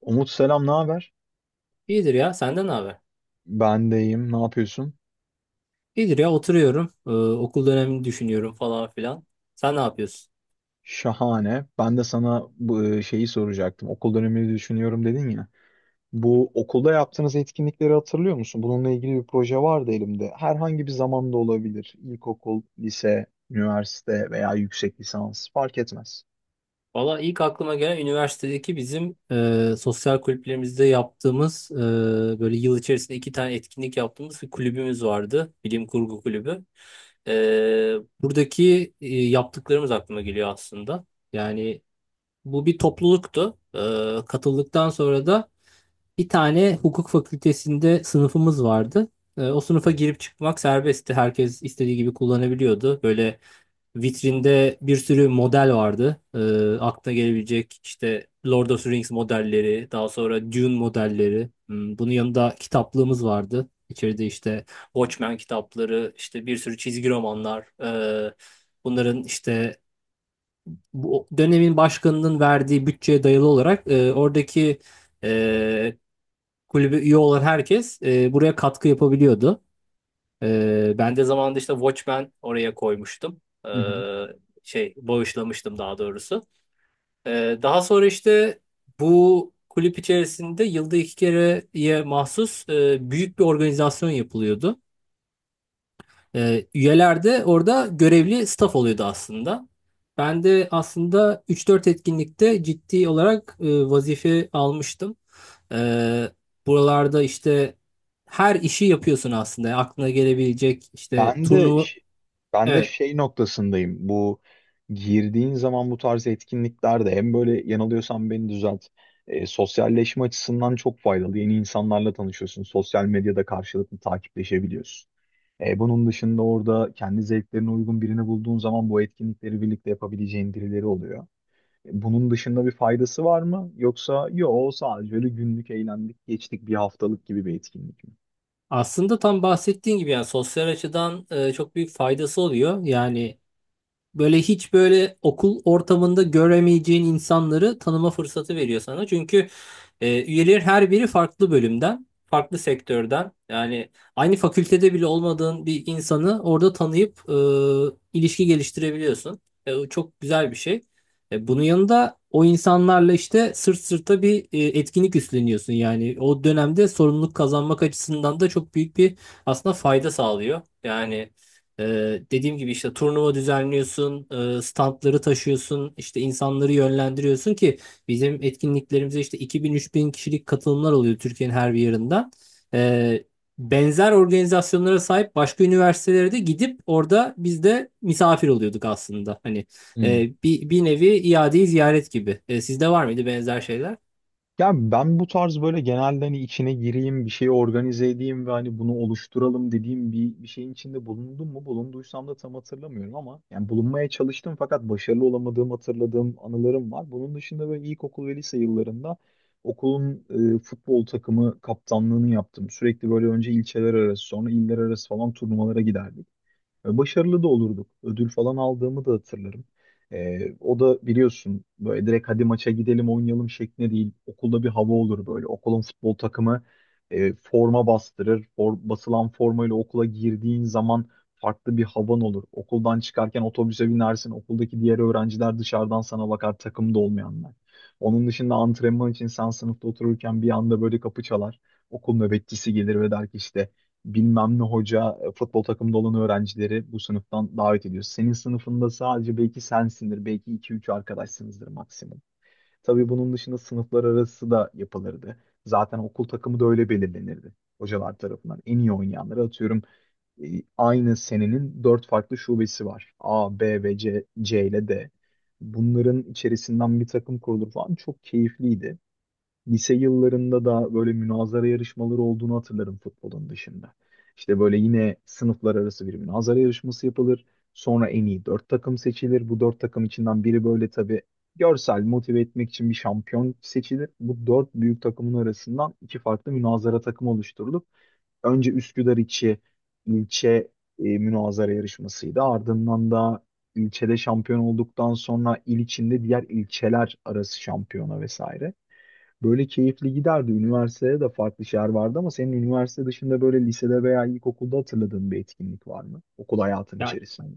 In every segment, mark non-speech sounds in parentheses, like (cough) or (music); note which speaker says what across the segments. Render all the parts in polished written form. Speaker 1: Umut selam, ne haber?
Speaker 2: İyidir ya. Senden ne haber?
Speaker 1: Ben de iyiyim, ne yapıyorsun?
Speaker 2: İyidir ya. Oturuyorum. Okul dönemini düşünüyorum falan filan. Sen ne yapıyorsun?
Speaker 1: Şahane. Ben de sana bu şeyi soracaktım. Okul dönemini düşünüyorum dedin ya. Bu okulda yaptığınız etkinlikleri hatırlıyor musun? Bununla ilgili bir proje vardı elimde. Herhangi bir zamanda olabilir. İlkokul, lise, üniversite veya yüksek lisans fark etmez.
Speaker 2: Valla ilk aklıma gelen üniversitedeki bizim sosyal kulüplerimizde yaptığımız böyle yıl içerisinde iki tane etkinlik yaptığımız bir kulübümüz vardı. Bilim Kurgu Kulübü. E, buradaki yaptıklarımız aklıma geliyor aslında. Yani bu bir topluluktu. Katıldıktan sonra da bir tane hukuk fakültesinde sınıfımız vardı. O sınıfa girip çıkmak serbestti. Herkes istediği gibi kullanabiliyordu. Böyle vitrinde bir sürü model vardı. Aklına gelebilecek işte Lord of the Rings modelleri, daha sonra Dune modelleri. Bunun yanında kitaplığımız vardı. İçeride işte Watchmen kitapları, işte bir sürü çizgi romanlar. Bunların işte bu dönemin başkanının verdiği bütçeye dayalı olarak oradaki e, kulübe üye olan herkes buraya katkı yapabiliyordu. Ben de zamanında işte Watchmen oraya koymuştum. E,
Speaker 1: (laughs)
Speaker 2: şey bağışlamıştım daha doğrusu. Daha sonra işte bu kulüp içerisinde yılda iki kereye mahsus büyük bir organizasyon yapılıyordu. Üyeler de orada görevli staff oluyordu aslında. Ben de aslında üç dört etkinlikte ciddi olarak vazife almıştım. Ee, buralarda işte her işi yapıyorsun aslında. Yani aklına gelebilecek işte
Speaker 1: Ben de
Speaker 2: turnuva.
Speaker 1: ş- Ben de
Speaker 2: Evet.
Speaker 1: şey noktasındayım. Bu girdiğin zaman bu tarz etkinliklerde hem böyle yanılıyorsan beni düzelt. E, sosyalleşme açısından çok faydalı. Yeni insanlarla tanışıyorsun. Sosyal medyada karşılıklı takipleşebiliyorsun. E, bunun dışında orada kendi zevklerine uygun birini bulduğun zaman bu etkinlikleri birlikte yapabileceğin birileri oluyor. E, bunun dışında bir faydası var mı? Yoksa yo sadece öyle günlük eğlendik geçtik bir haftalık gibi bir etkinlik mi?
Speaker 2: Aslında tam bahsettiğin gibi yani sosyal açıdan çok büyük faydası oluyor. Yani böyle hiç böyle okul ortamında göremeyeceğin insanları tanıma fırsatı veriyor sana. Çünkü üyeler her biri farklı bölümden, farklı sektörden. Yani aynı fakültede bile olmadığın bir insanı orada tanıyıp ilişki geliştirebiliyorsun. O çok güzel bir şey. Bunun yanında o insanlarla işte sırt sırta bir etkinlik üstleniyorsun. Yani o dönemde sorumluluk kazanmak açısından da çok büyük bir aslında fayda sağlıyor. Yani e, dediğim gibi işte turnuva düzenliyorsun, standları taşıyorsun, işte insanları yönlendiriyorsun ki bizim etkinliklerimize işte 2000 bin kişilik katılımlar oluyor Türkiye'nin her bir yerinden. Ee, benzer organizasyonlara sahip başka üniversitelere de gidip orada biz de misafir oluyorduk aslında. Hani bir nevi iade-i ziyaret gibi. Sizde var mıydı benzer şeyler?
Speaker 1: Ya ben bu tarz böyle genelde hani içine gireyim, bir şey organize edeyim ve hani bunu oluşturalım dediğim bir şeyin içinde bulundum mu? Bulunduysam da tam hatırlamıyorum ama yani bulunmaya çalıştım fakat başarılı olamadığım hatırladığım anılarım var. Bunun dışında böyle ilkokul ve lise yıllarında okulun futbol takımı kaptanlığını yaptım. Sürekli böyle önce ilçeler arası sonra iller arası falan turnuvalara giderdik. E, başarılı da olurduk. Ödül falan aldığımı da hatırlarım. E, o da biliyorsun böyle direkt hadi maça gidelim oynayalım şeklinde değil. Okulda bir hava olur böyle. Okulun futbol takımı forma bastırır. Basılan formayla okula girdiğin zaman farklı bir havan olur. Okuldan çıkarken otobüse binersin. Okuldaki diğer öğrenciler dışarıdan sana bakar, takımda olmayanlar. Onun dışında antrenman için sen sınıfta otururken bir anda böyle kapı çalar. Okul nöbetçisi gelir ve der ki işte bilmem ne hoca futbol takımında olan öğrencileri bu sınıftan davet ediyor. Senin sınıfında sadece belki sensindir, belki iki üç arkadaşsınızdır maksimum. Tabii bunun dışında sınıflar arası da yapılırdı. Zaten okul takımı da öyle belirlenirdi, hocalar tarafından. En iyi oynayanları atıyorum e, aynı senenin dört farklı şubesi var. A, B ve C, C ile D. Bunların içerisinden bir takım kurulur falan, çok keyifliydi. Lise yıllarında da böyle münazara yarışmaları olduğunu hatırlarım, futbolun dışında. İşte böyle yine sınıflar arası bir münazara yarışması yapılır. Sonra en iyi dört takım seçilir. Bu dört takım içinden biri böyle tabii görsel motive etmek için bir şampiyon seçilir. Bu dört büyük takımın arasından iki farklı münazara takımı oluşturulup önce Üsküdar içi ilçe münazara yarışmasıydı. Ardından da ilçede şampiyon olduktan sonra il içinde diğer ilçeler arası şampiyona vesaire. Böyle keyifli giderdi. Üniversitede de farklı şeyler vardı ama senin üniversite dışında böyle lisede veya ilkokulda hatırladığın bir etkinlik var mı? Okul hayatın
Speaker 2: Ya,
Speaker 1: içerisinde.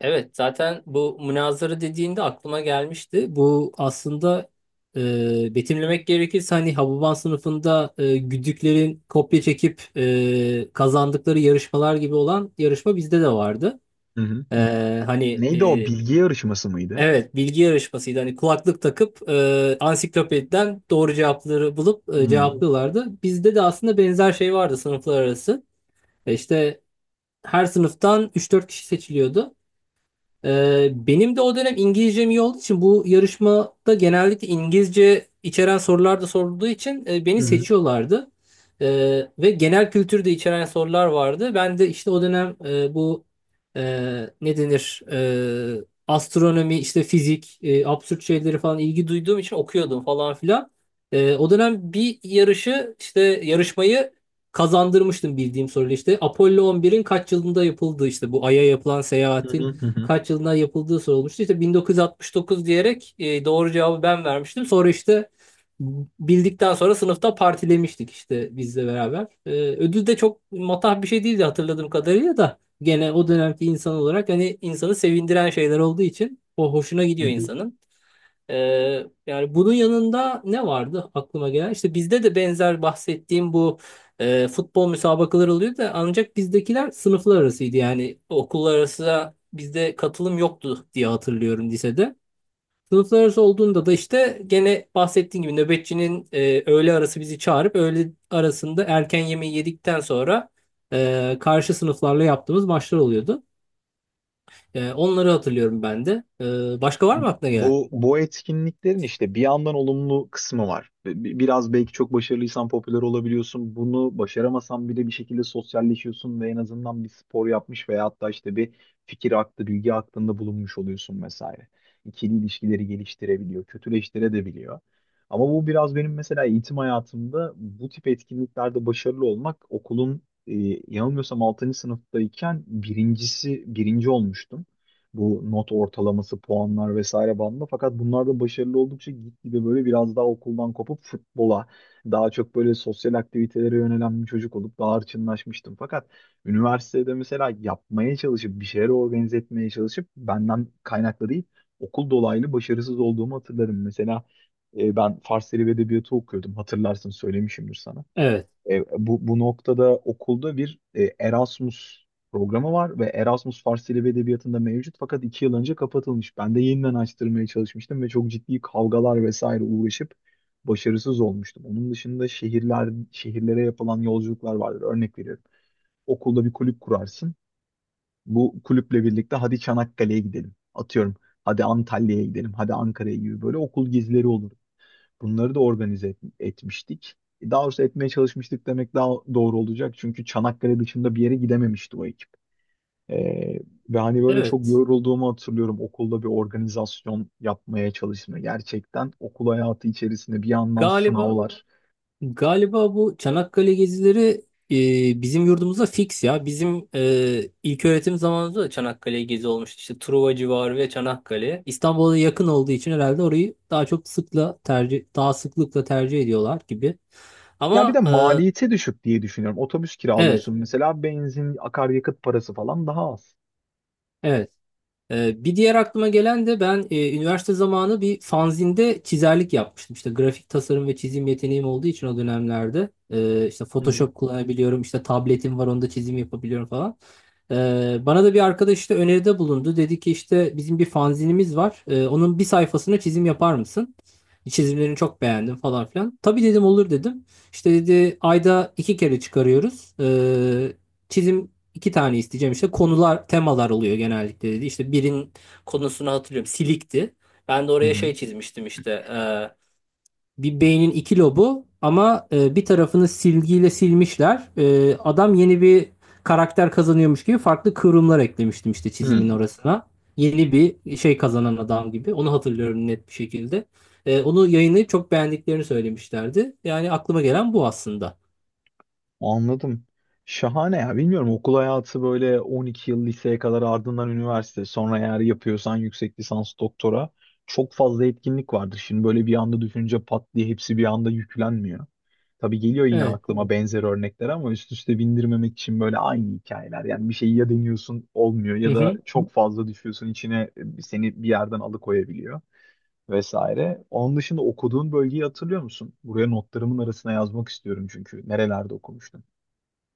Speaker 2: evet, zaten bu münazara dediğinde aklıma gelmişti. Bu aslında betimlemek gerekirse hani Hababam sınıfında güdüklerin kopya çekip kazandıkları yarışmalar gibi olan yarışma bizde de vardı.
Speaker 1: Hı hı,
Speaker 2: E,
Speaker 1: hı hı.
Speaker 2: hani
Speaker 1: Neydi o? Bilgi yarışması mıydı?
Speaker 2: evet bilgi yarışmasıydı. Hani kulaklık takıp ansiklopediden doğru cevapları bulup
Speaker 1: Hı hı,
Speaker 2: cevaplıyorlardı. Bizde de aslında benzer şey vardı sınıflar arası. İşte her sınıftan üç dört kişi seçiliyordu. Benim de o dönem İngilizcem iyi olduğu için bu yarışmada genellikle İngilizce içeren sorular da sorulduğu için beni
Speaker 1: hı hı,
Speaker 2: seçiyorlardı. Ve genel kültür de içeren sorular vardı. Ben de işte o dönem bu e, ne denir astronomi, işte fizik, absürt şeyleri falan ilgi duyduğum için okuyordum falan filan. O dönem bir yarışı işte yarışmayı kazandırmıştım bildiğim soruyla. İşte Apollo 11'in kaç yılında yapıldığı, işte bu Ay'a yapılan
Speaker 1: hı hı,
Speaker 2: seyahatin
Speaker 1: hı hı.
Speaker 2: kaç yılında yapıldığı sorulmuştu. İşte 1969 diyerek doğru cevabı ben vermiştim. Sonra işte bildikten sonra sınıfta partilemiştik işte bizle beraber. Ödül de çok matah bir şey değildi hatırladığım kadarıyla da gene o dönemki insan olarak hani insanı sevindiren şeyler olduğu için o hoşuna
Speaker 1: Hı
Speaker 2: gidiyor
Speaker 1: hı.
Speaker 2: insanın. Yani bunun yanında ne vardı aklıma gelen? İşte bizde de benzer bahsettiğim bu futbol müsabakaları oluyor da ancak bizdekiler sınıflar arasıydı. Yani okullar arası bizde katılım yoktu diye hatırlıyorum lisede. Sınıflar arası olduğunda da işte gene bahsettiğim gibi nöbetçinin öğle arası bizi çağırıp öğle arasında erken yemeği yedikten sonra karşı sınıflarla yaptığımız maçlar oluyordu. Onları hatırlıyorum ben de. Başka var mı aklına gelen?
Speaker 1: Bu bu etkinliklerin işte bir yandan olumlu kısmı var. Biraz belki çok başarılıysan popüler olabiliyorsun. Bunu başaramasan bile bir şekilde sosyalleşiyorsun ve en azından bir spor yapmış veya hatta işte bir fikir aktı, bilgi aktında bulunmuş oluyorsun vesaire. İkili ilişkileri geliştirebiliyor, kötüleştirebiliyor. Ama bu biraz benim mesela eğitim hayatımda bu tip etkinliklerde başarılı olmak okulun yanılmıyorsam 6. sınıftayken birinci olmuştum, bu not ortalaması, puanlar vesaire bandında. Fakat bunlarda başarılı oldukça gitgide böyle biraz daha okuldan kopup futbola, daha çok böyle sosyal aktivitelere yönelen bir çocuk olup daha hırçınlaşmıştım. Fakat üniversitede mesela yapmaya çalışıp, bir şeyler organize etmeye çalışıp benden kaynaklı değil, okul dolaylı başarısız olduğumu hatırlarım. Mesela ben Fars Dili ve Edebiyatı okuyordum. Hatırlarsın, söylemişimdir sana.
Speaker 2: Evet.
Speaker 1: E, bu, bu noktada okulda bir Erasmus programı var ve Erasmus Fars Dili ve Edebiyatı'nda mevcut fakat 2 yıl önce kapatılmış. Ben de yeniden açtırmaya çalışmıştım ve çok ciddi kavgalar vesaire uğraşıp başarısız olmuştum. Onun dışında şehirler, şehirlere yapılan yolculuklar vardır. Örnek veriyorum. Okulda bir kulüp kurarsın. Bu kulüple birlikte hadi Çanakkale'ye gidelim. Atıyorum. Hadi Antalya'ya gidelim. Hadi Ankara'ya gibi böyle okul gezileri olur. Bunları da etmiştik. E, daha doğrusu etmeye çalışmıştık demek daha doğru olacak. Çünkü Çanakkale dışında bir yere gidememişti o ekip. Ee, Ve hani böyle çok
Speaker 2: Evet.
Speaker 1: yorulduğumu hatırlıyorum. Okulda bir organizasyon yapmaya çalışma. Gerçekten okul hayatı içerisinde bir yandan
Speaker 2: Galiba
Speaker 1: sınavlar.
Speaker 2: Galiba bu Çanakkale gezileri bizim yurdumuzda fix ya. Bizim ilk öğretim zamanımızda da Çanakkale gezi olmuştu. İşte Truva civarı ve Çanakkale. İstanbul'a da yakın olduğu için herhalde orayı daha çok sıkla tercih daha sıklıkla tercih ediyorlar gibi.
Speaker 1: Ya bir de
Speaker 2: Ama
Speaker 1: maliyeti düşük diye düşünüyorum. Otobüs
Speaker 2: evet,
Speaker 1: kiralıyorsun mesela, benzin, akaryakıt parası falan daha az.
Speaker 2: evet. Bir diğer aklıma gelen de ben üniversite zamanı bir fanzinde çizerlik yapmıştım. İşte grafik tasarım ve çizim yeteneğim olduğu için o dönemlerde işte
Speaker 1: Hı hı.
Speaker 2: Photoshop kullanabiliyorum, işte tabletim var onda çizim yapabiliyorum falan. Ee, bana da bir arkadaş işte öneride bulundu. Dedi ki işte bizim bir fanzinimiz var. Onun bir sayfasına çizim yapar mısın? Çizimlerini çok beğendim falan filan. Tabii dedim, olur dedim. İşte dedi ayda iki kere çıkarıyoruz. Çizim İki tane isteyeceğim işte konular, temalar oluyor genellikle dedi. İşte birin konusunu hatırlıyorum. Silikti. Ben de
Speaker 1: Hı
Speaker 2: oraya
Speaker 1: hı.
Speaker 2: şey çizmiştim işte. Bir beynin iki lobu ama bir tarafını silgiyle silmişler. Adam yeni bir karakter kazanıyormuş gibi farklı kıvrımlar eklemiştim işte çizimin
Speaker 1: Hı.
Speaker 2: orasına. Yeni bir şey kazanan adam gibi. Onu hatırlıyorum net bir şekilde. Onu yayınlayıp çok beğendiklerini söylemişlerdi. Yani aklıma gelen bu aslında.
Speaker 1: Anladım. Şahane ya. Bilmiyorum, okul hayatı böyle 12 yıl liseye kadar, ardından üniversite, sonra eğer yapıyorsan yüksek lisans, doktora, çok fazla etkinlik vardır. Şimdi böyle bir anda düşünce pat diye hepsi bir anda yüklenmiyor. Tabii geliyor yine
Speaker 2: Evet.
Speaker 1: aklıma benzer örnekler ama üst üste bindirmemek için böyle aynı hikayeler. Yani bir şeyi ya deniyorsun olmuyor
Speaker 2: Hı
Speaker 1: ya da
Speaker 2: hı.
Speaker 1: çok fazla düşüyorsun içine, seni bir yerden alıkoyabiliyor vesaire. Onun dışında okuduğun bölgeyi hatırlıyor musun? Buraya notlarımın arasına yazmak istiyorum çünkü nerelerde okumuştun?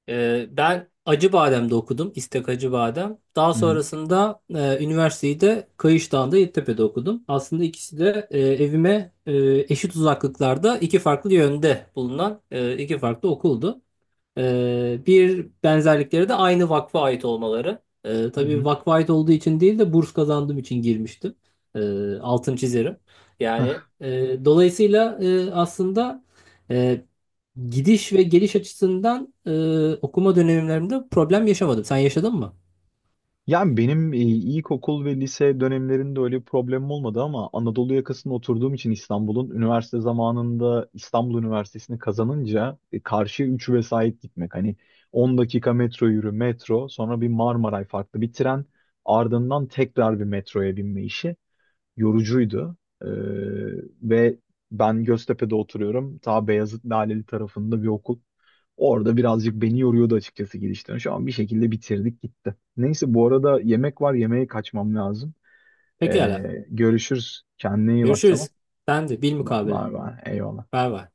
Speaker 2: Ben Acıbadem'de okudum. İstek Acıbadem. Daha
Speaker 1: Hı hı.
Speaker 2: sonrasında üniversiteyi de Kayışdağ'da Yeditepe'de okudum. Aslında ikisi de evime eşit uzaklıklarda iki farklı yönde bulunan iki farklı okuldu. Bir benzerlikleri de aynı vakfa ait olmaları. E,
Speaker 1: Hı
Speaker 2: tabii
Speaker 1: hı.
Speaker 2: vakfa ait olduğu için değil de burs kazandığım için girmiştim. E, altın çizerim. Yani
Speaker 1: Hah.
Speaker 2: dolayısıyla aslında... E, Gidiş ve geliş açısından okuma dönemlerimde problem yaşamadım. Sen yaşadın mı?
Speaker 1: Yani benim ilkokul ve lise dönemlerinde öyle bir problemim olmadı ama Anadolu yakasında oturduğum için İstanbul'un üniversite zamanında İstanbul Üniversitesi'ni kazanınca karşıya 3 vesait gitmek. Hani 10 dakika metro yürü, metro, sonra bir Marmaray, farklı bir tren, ardından tekrar bir metroya binme işi yorucuydu. Ee, Ve ben Göztepe'de oturuyorum. Ta Beyazıt, Laleli tarafında bir okul. Orada birazcık beni yoruyordu açıkçası, gidişten. Şu an bir şekilde bitirdik, gitti. Neyse, bu arada yemek var. Yemeğe kaçmam lazım.
Speaker 2: Pekala.
Speaker 1: Görüşürüz. Kendine iyi bak, tamam.
Speaker 2: Görüşürüz. Ben de bilmukabele.
Speaker 1: Var var. Eyvallah.
Speaker 2: Bay bay.